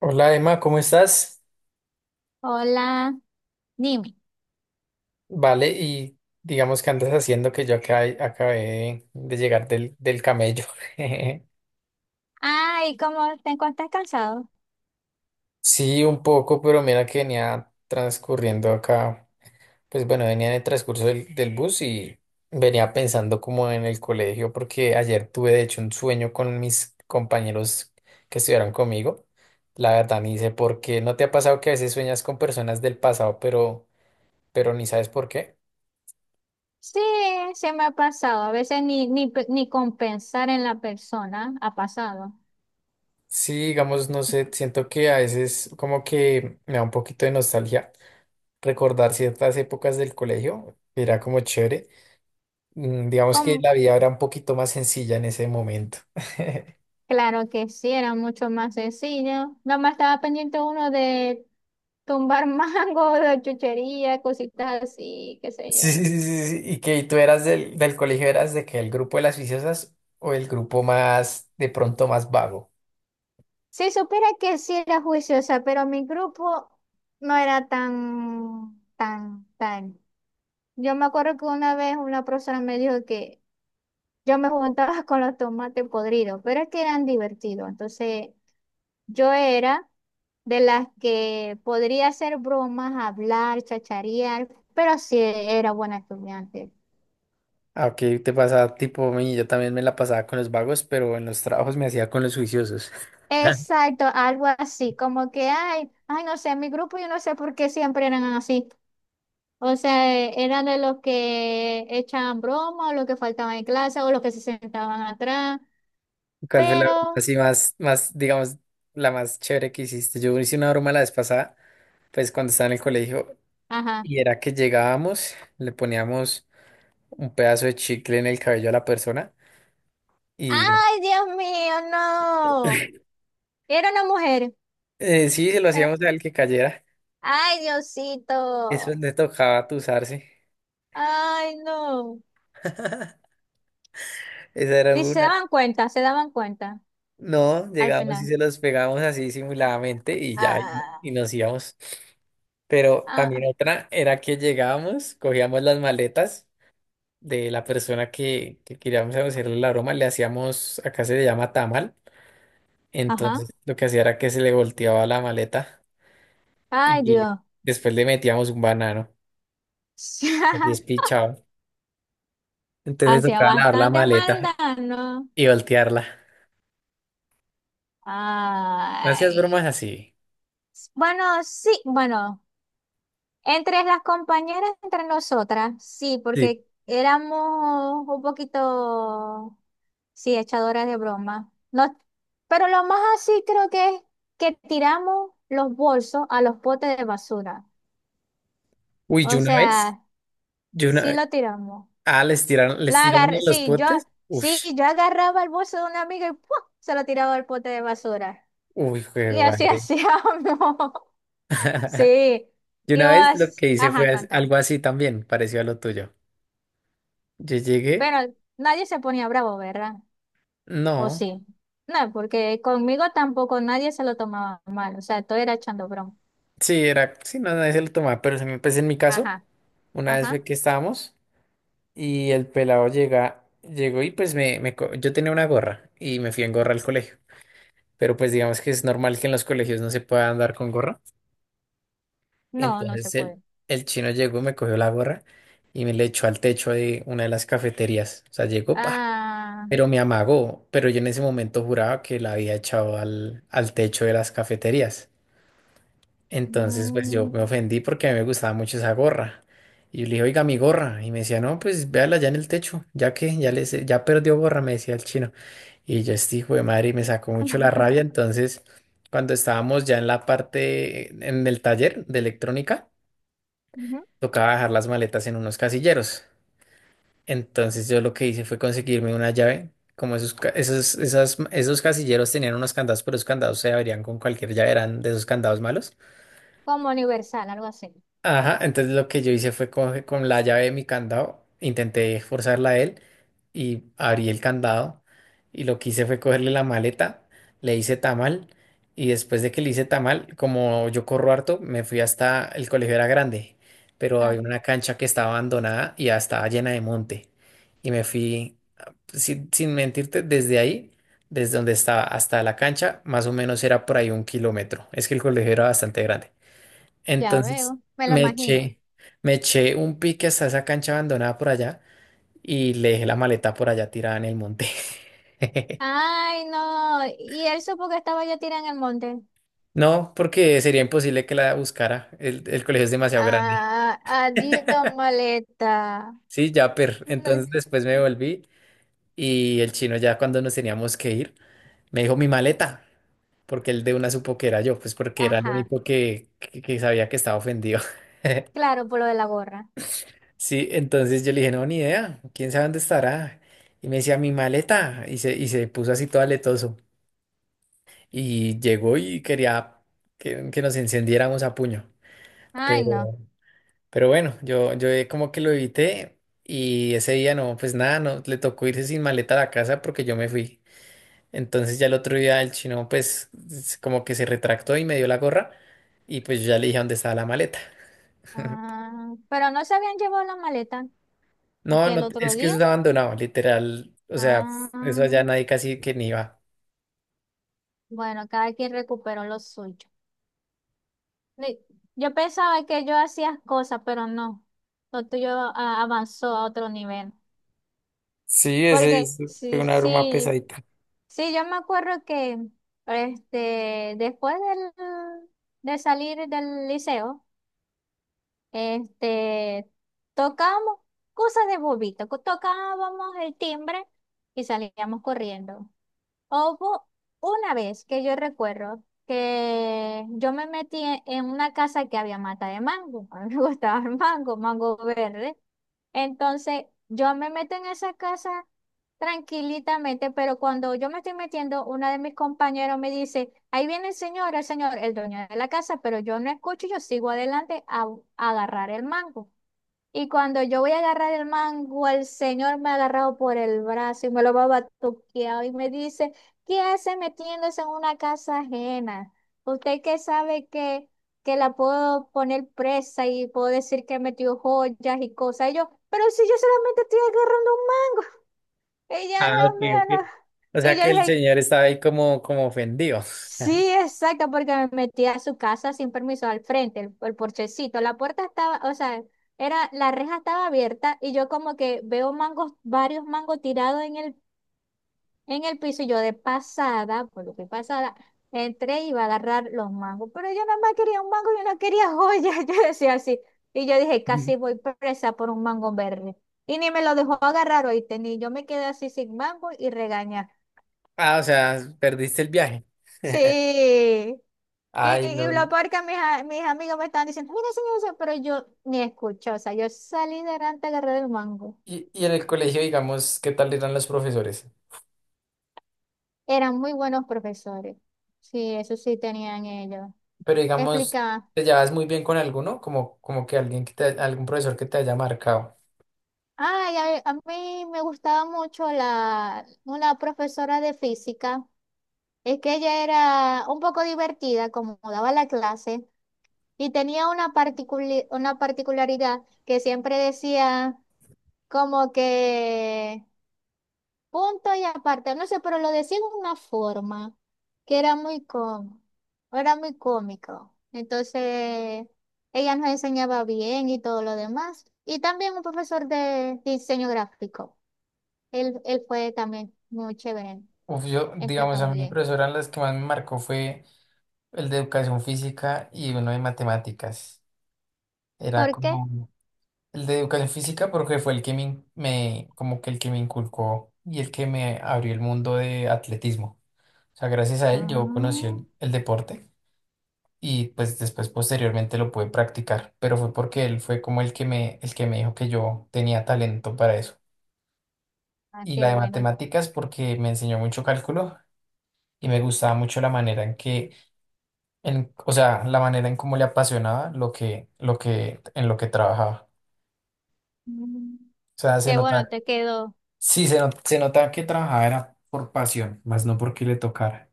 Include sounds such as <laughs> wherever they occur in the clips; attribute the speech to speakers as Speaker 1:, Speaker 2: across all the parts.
Speaker 1: Hola Emma, ¿cómo estás?
Speaker 2: Hola, dime.
Speaker 1: Vale, y digamos que andas haciendo que yo acá, acabé de llegar del camello. <laughs>
Speaker 2: Ay, ¿cómo te encuentras cansado?
Speaker 1: Sí, un poco, pero mira que venía transcurriendo acá, pues bueno, venía en el transcurso del bus y venía pensando como en el colegio, porque ayer tuve de hecho un sueño con mis compañeros que estudiaron conmigo. La verdad, ni sé por qué. ¿No te ha pasado que a veces sueñas con personas del pasado, pero ni sabes por qué?
Speaker 2: Sí, se me ha pasado. A veces ni compensar en la persona ha pasado.
Speaker 1: Sí, digamos, no sé, siento que a veces como que me da un poquito de nostalgia recordar ciertas épocas del colegio, que era como chévere. Digamos que
Speaker 2: Com-
Speaker 1: la vida era un poquito más sencilla en ese momento. <laughs>
Speaker 2: claro que sí, era mucho más sencillo. Nada más estaba pendiente uno de tumbar <laughs> mango, de chuchería, cositas así, qué sé
Speaker 1: Sí, sí,
Speaker 2: yo.
Speaker 1: sí, sí, sí. Y que tú eras del colegio, eras de que el grupo de las viciosas o el grupo más, de pronto más vago.
Speaker 2: Si supiera que sí era juiciosa, pero mi grupo no era tan. Yo me acuerdo que una vez una profesora me dijo que yo me juntaba con los tomates podridos, pero es que eran divertidos. Entonces, yo era de las que podría hacer bromas, hablar, chacharear, pero sí era buena estudiante.
Speaker 1: Ah, ok, te pasaba tipo a mí, yo también me la pasaba con los vagos, pero en los trabajos me hacía con los juiciosos.
Speaker 2: Exacto, algo así, como que, ay, no sé, mi grupo yo no sé por qué siempre eran así. O sea, eran de los que echaban broma, o los que faltaban en clase, o los que se sentaban atrás,
Speaker 1: ¿Cuál fue la broma
Speaker 2: pero,
Speaker 1: así digamos, la más chévere que hiciste? Yo hice una broma la vez pasada, pues cuando estaba en el colegio,
Speaker 2: ajá.
Speaker 1: y era que llegábamos, le poníamos un pedazo de chicle en el cabello a la persona, y
Speaker 2: ¡Ay, Dios mío, no! Era una mujer.
Speaker 1: sí, se lo
Speaker 2: Pero-
Speaker 1: hacíamos al que cayera,
Speaker 2: Ay, Diosito.
Speaker 1: eso le tocaba atusarse.
Speaker 2: Ay, no.
Speaker 1: <laughs> Esa era
Speaker 2: Y
Speaker 1: una.
Speaker 2: se daban cuenta
Speaker 1: No,
Speaker 2: al
Speaker 1: llegamos y
Speaker 2: final.
Speaker 1: se los pegábamos así simuladamente y ya,
Speaker 2: Ah,
Speaker 1: y nos íbamos. Pero
Speaker 2: ah,
Speaker 1: también otra era que llegábamos, cogíamos las maletas de la persona que queríamos hacerle la broma, le hacíamos, acá se le llama tamal,
Speaker 2: ajá.
Speaker 1: entonces lo que hacía era que se le volteaba la maleta
Speaker 2: Ay,
Speaker 1: y
Speaker 2: Dios.
Speaker 1: después le metíamos un banano, aquí es
Speaker 2: <laughs>
Speaker 1: pichado, entonces le
Speaker 2: Hacía
Speaker 1: tocaba lavar la
Speaker 2: bastante
Speaker 1: maleta
Speaker 2: maldad, ¿no?
Speaker 1: y voltearla. Gracias, bromas
Speaker 2: Ay.
Speaker 1: así.
Speaker 2: Bueno, sí, bueno. Entre las compañeras, entre nosotras, sí,
Speaker 1: Sí.
Speaker 2: porque éramos un poquito, sí, echadoras de broma. No, pero lo más así creo que es que tiramos los bolsos a los potes de basura.
Speaker 1: Uy,
Speaker 2: O sea,
Speaker 1: yo una
Speaker 2: sí
Speaker 1: vez,
Speaker 2: lo tiramos.
Speaker 1: les
Speaker 2: La
Speaker 1: tiraron en
Speaker 2: agarré,
Speaker 1: los
Speaker 2: sí,
Speaker 1: potes, uy,
Speaker 2: sí, yo agarraba el bolso de una amiga y ¡pua! Se lo tiraba al pote de basura.
Speaker 1: uy, qué
Speaker 2: Y así <laughs>
Speaker 1: madre.
Speaker 2: hacíamos.
Speaker 1: <laughs>
Speaker 2: Sí,
Speaker 1: Yo
Speaker 2: y
Speaker 1: una vez lo
Speaker 2: vos,
Speaker 1: que hice fue
Speaker 2: ajá, contan.
Speaker 1: algo así también, parecido a lo tuyo. Yo llegué,
Speaker 2: Pero nadie se ponía bravo, ¿verdad? O
Speaker 1: no.
Speaker 2: sí. No, porque conmigo tampoco nadie se lo tomaba mal, o sea, todo era echando broma.
Speaker 1: Sí, era, sí, no, nadie se lo tomaba, pero pues en mi caso,
Speaker 2: Ajá,
Speaker 1: una vez fue
Speaker 2: ajá.
Speaker 1: que estábamos y el pelado llegó y pues yo tenía una gorra y me fui en gorra al colegio, pero pues digamos que es normal que en los colegios no se pueda andar con gorra,
Speaker 2: No, no se
Speaker 1: entonces
Speaker 2: puede.
Speaker 1: el chino llegó, me cogió la gorra y me le echó al techo de una de las cafeterías, o sea, llegó, pa,
Speaker 2: Ah,
Speaker 1: pero me amagó, pero yo en ese momento juraba que la había echado al techo de las cafeterías. Entonces, pues yo
Speaker 2: mm,
Speaker 1: me ofendí porque a mí me gustaba mucho esa gorra. Y yo le dije, oiga, mi gorra. Y me decía, no, pues véala ya en el techo, ya que ya, les, ya perdió gorra, me decía el chino. Y yo, este hijo de madre, y me sacó mucho la rabia. Entonces, cuando estábamos ya en la parte, en el taller de electrónica,
Speaker 2: ujú.
Speaker 1: tocaba dejar las maletas en unos casilleros. Entonces, yo lo que hice fue conseguirme una llave. Como esos, ca- esos, esas- esos casilleros tenían unos candados, pero esos candados se abrían con cualquier llave, eran de esos candados malos.
Speaker 2: Como universal, algo así.
Speaker 1: Ajá, entonces lo que yo hice fue con la llave de mi candado, intenté forzarla a él y abrí el candado y lo que hice fue cogerle la maleta, le hice tamal y después de que le hice tamal, como yo corro harto, me fui hasta el colegio era grande, pero
Speaker 2: Ah,
Speaker 1: había una cancha que estaba abandonada y ya estaba llena de monte y me fui, sin mentirte, desde ahí, desde donde estaba hasta la cancha, más o menos era por ahí un kilómetro, es que el colegio era bastante grande.
Speaker 2: ya
Speaker 1: Entonces
Speaker 2: veo, me lo
Speaker 1: me
Speaker 2: imagino.
Speaker 1: eché, me eché un pique hasta esa cancha abandonada por allá y le dejé la maleta por allá tirada en el monte. <laughs>
Speaker 2: Ay, no, y él supo que estaba yo tirada en el monte.
Speaker 1: No, porque sería imposible que la buscara. El colegio es demasiado grande.
Speaker 2: Ah, adiós, maleta.
Speaker 1: Sí, ya, per.
Speaker 2: No,
Speaker 1: Entonces después me volví y el chino ya cuando nos teníamos que ir, me dijo mi maleta, porque él de una supo que era yo, pues porque era el
Speaker 2: ajá,
Speaker 1: único que sabía que estaba ofendido. <laughs>
Speaker 2: claro, por lo de la gorra.
Speaker 1: Sí, entonces yo le dije, no, ni idea, quién sabe dónde estará. Y me decía, mi maleta. Y se puso así todo aletoso. Y llegó y quería que nos encendiéramos a puño.
Speaker 2: Ay,
Speaker 1: Pero,
Speaker 2: no.
Speaker 1: pero bueno, yo como que lo evité. Y ese día no, pues nada, no, le tocó irse sin maleta a la casa porque yo me fui. Entonces ya el otro día el chino, pues como que se retractó y me dio la gorra. Y pues yo ya le dije dónde estaba la maleta.
Speaker 2: Ah, pero no se habían llevado la maleta.
Speaker 1: No,
Speaker 2: Aquí
Speaker 1: no,
Speaker 2: el otro
Speaker 1: es que
Speaker 2: día.
Speaker 1: eso es abandonado, literal. O sea,
Speaker 2: Ah,
Speaker 1: eso allá nadie casi que ni va.
Speaker 2: bueno, cada quien recuperó lo suyo. Ni- Yo pensaba que yo hacía cosas, pero no. Lo tuyo ah, avanzó a otro nivel.
Speaker 1: Sí,
Speaker 2: Porque
Speaker 1: fue una broma pesadita. <laughs>
Speaker 2: sí, yo me acuerdo que después de salir del liceo, este, tocábamos cosas de bobito, tocábamos el timbre y salíamos corriendo. Hubo una vez que yo recuerdo que yo me metí en una casa que había mata de mango. <laughs> A mí me <laughs> gustaba el mango, mango verde. Entonces, yo me meto en esa casa tranquilitamente, pero cuando yo me estoy metiendo, una de mis compañeros me dice, ahí viene el señor, el dueño de la casa, pero yo no escucho, yo sigo adelante a agarrar el mango. Y cuando yo voy a agarrar el mango, el señor me ha agarrado por el brazo y me lo va batuqueado y me dice, ¿qué hace metiéndose en una casa ajena? Usted que sabe que la puedo poner presa y puedo decir que metió joyas y cosas. Y yo, pero si yo solamente estoy agarrando un mango. Y yo,
Speaker 1: Ah, ok,
Speaker 2: Dios mío,
Speaker 1: ok.
Speaker 2: no.
Speaker 1: O
Speaker 2: Y
Speaker 1: sea
Speaker 2: yo
Speaker 1: que el
Speaker 2: dije,
Speaker 1: señor estaba ahí como, como ofendido.
Speaker 2: sí, exacto, porque me metí a su casa sin permiso al frente, el porchecito. La puerta estaba, o sea, era, la reja estaba abierta y yo como que veo mangos, varios mangos tirados en en el piso y yo de pasada, por lo que pasada, entré y iba a agarrar los mangos. Pero yo nada más quería un mango, yo no quería joyas, <laughs> yo decía así. Y yo dije, casi
Speaker 1: <laughs>
Speaker 2: voy presa por un mango verde. Y ni me lo dejó agarrar, oíste, ni yo me quedé así sin mango y regañada.
Speaker 1: Ah, o sea, perdiste el viaje.
Speaker 2: Sí,
Speaker 1: <laughs>
Speaker 2: y,
Speaker 1: Ay,
Speaker 2: y
Speaker 1: no.
Speaker 2: lo peor que mis amigos me estaban diciendo, mira, señor, o sea, pero yo ni escuché, o sea, yo salí de Ranta agarré del mango.
Speaker 1: Y en el colegio, digamos, ¿qué tal eran los profesores?
Speaker 2: Eran muy buenos profesores. Sí, eso sí tenían ellos.
Speaker 1: Pero digamos,
Speaker 2: Explicaban,
Speaker 1: ¿te llevas muy bien con alguno? Como, como que alguien que te, algún profesor que te haya marcado.
Speaker 2: ay, a mí me gustaba mucho una profesora de física, es que ella era un poco divertida, como daba la clase, y tenía una una particularidad que siempre decía como que... punto y aparte, no sé, pero lo decían de una forma que era muy cómico, era muy cómico. Entonces, ella nos enseñaba bien y todo lo demás. Y también un profesor de diseño gráfico. Él fue también muy chévere,
Speaker 1: Uf, yo, digamos,
Speaker 2: explica
Speaker 1: a
Speaker 2: muy
Speaker 1: mi
Speaker 2: bien.
Speaker 1: profesora las que más me marcó fue el de educación física y uno de matemáticas.
Speaker 2: ¿Por
Speaker 1: Era
Speaker 2: qué?
Speaker 1: como, el de educación física porque fue el que como que el que me inculcó y el que me abrió el mundo de atletismo. O sea, gracias a él yo conocí
Speaker 2: Ah,
Speaker 1: el deporte y pues después posteriormente lo pude practicar, pero fue porque él fue como el que me dijo que yo tenía talento para eso.
Speaker 2: ah,
Speaker 1: Y
Speaker 2: qué
Speaker 1: la de
Speaker 2: bueno.
Speaker 1: matemáticas porque me enseñó mucho cálculo y me gustaba mucho la manera en que, en, o sea, la manera en cómo le apasionaba lo que, en lo que trabajaba.
Speaker 2: Mm,
Speaker 1: O sea, se
Speaker 2: qué bueno
Speaker 1: notaba.
Speaker 2: te quedó.
Speaker 1: Sí, se, not- se notaba que trabajaba era por pasión, más no porque le tocara.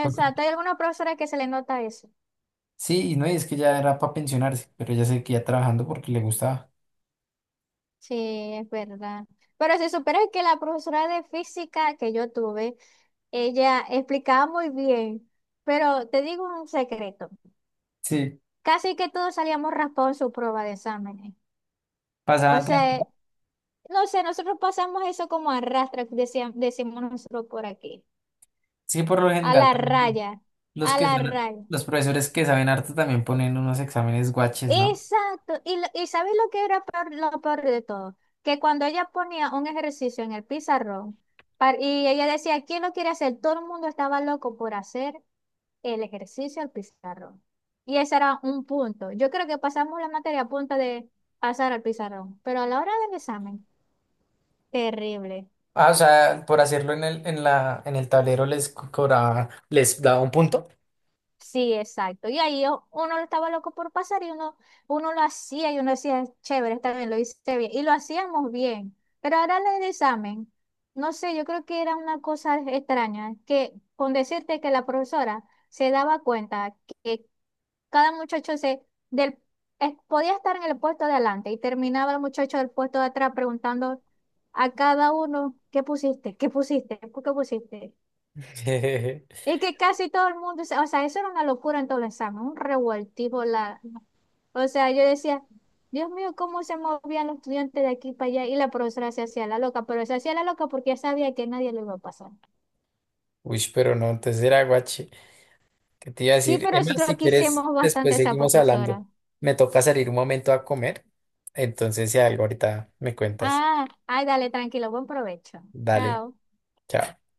Speaker 1: Porque,
Speaker 2: hay alguna profesora que se le nota eso.
Speaker 1: sí, y no, y es que ya era para pensionarse, pero ella seguía trabajando porque le gustaba.
Speaker 2: Sí, es verdad. Pero si supieras que la profesora de física que yo tuve, ella explicaba muy bien, pero te digo un secreto,
Speaker 1: Sí,
Speaker 2: casi que todos salíamos raspados en su prueba de exámenes. O
Speaker 1: pasaban
Speaker 2: sea,
Speaker 1: tanto.
Speaker 2: no sé, nosotros pasamos eso como arrastra, decíamos decimos nosotros por aquí,
Speaker 1: Sí, por lo
Speaker 2: a la
Speaker 1: general también
Speaker 2: raya,
Speaker 1: los
Speaker 2: a
Speaker 1: que
Speaker 2: la
Speaker 1: son,
Speaker 2: raya.
Speaker 1: los profesores que saben harto también ponen unos exámenes guaches, ¿no?
Speaker 2: Exacto. Y, y ¿sabes lo que era lo peor de todo? Que cuando ella ponía un ejercicio en el pizarrón y ella decía, ¿quién lo quiere hacer? Todo el mundo estaba loco por hacer el ejercicio al pizarrón. Y ese era un punto. Yo creo que pasamos la materia a punto de pasar al pizarrón, pero a la hora del examen, terrible.
Speaker 1: Ah, o sea, por hacerlo en en el tablero cobraba, les daba un punto.
Speaker 2: Sí, exacto. Y ahí uno estaba loco por pasar y uno lo hacía y uno decía, chévere, está bien, lo hice bien. Y lo hacíamos bien. Pero ahora en el examen, no sé, yo creo que era una cosa extraña, que con decirte que la profesora se daba cuenta que cada muchacho se del, podía estar en el puesto de adelante y terminaba el muchacho del puesto de atrás preguntando a cada uno, ¿qué pusiste? ¿Qué pusiste? ¿Por qué pusiste?
Speaker 1: <laughs>
Speaker 2: Es que casi todo el mundo, o sea, eso era una locura en todo el examen, un revoltijo. O sea, yo decía, Dios mío, cómo se movían los estudiantes de aquí para allá y la profesora se hacía la loca, pero se hacía la loca porque ya sabía que nadie lo iba a pasar.
Speaker 1: Uy, pero no, entonces era guache. ¿Qué te iba a
Speaker 2: Sí,
Speaker 1: decir?
Speaker 2: pero
Speaker 1: Emma,
Speaker 2: nosotros
Speaker 1: si quieres,
Speaker 2: quisimos bastante
Speaker 1: después
Speaker 2: a esa
Speaker 1: seguimos hablando.
Speaker 2: profesora.
Speaker 1: Me toca salir un momento a comer, entonces si algo ahorita me cuentas.
Speaker 2: Ah, ay, dale, tranquilo, buen provecho.
Speaker 1: Dale,
Speaker 2: Chao.
Speaker 1: chao.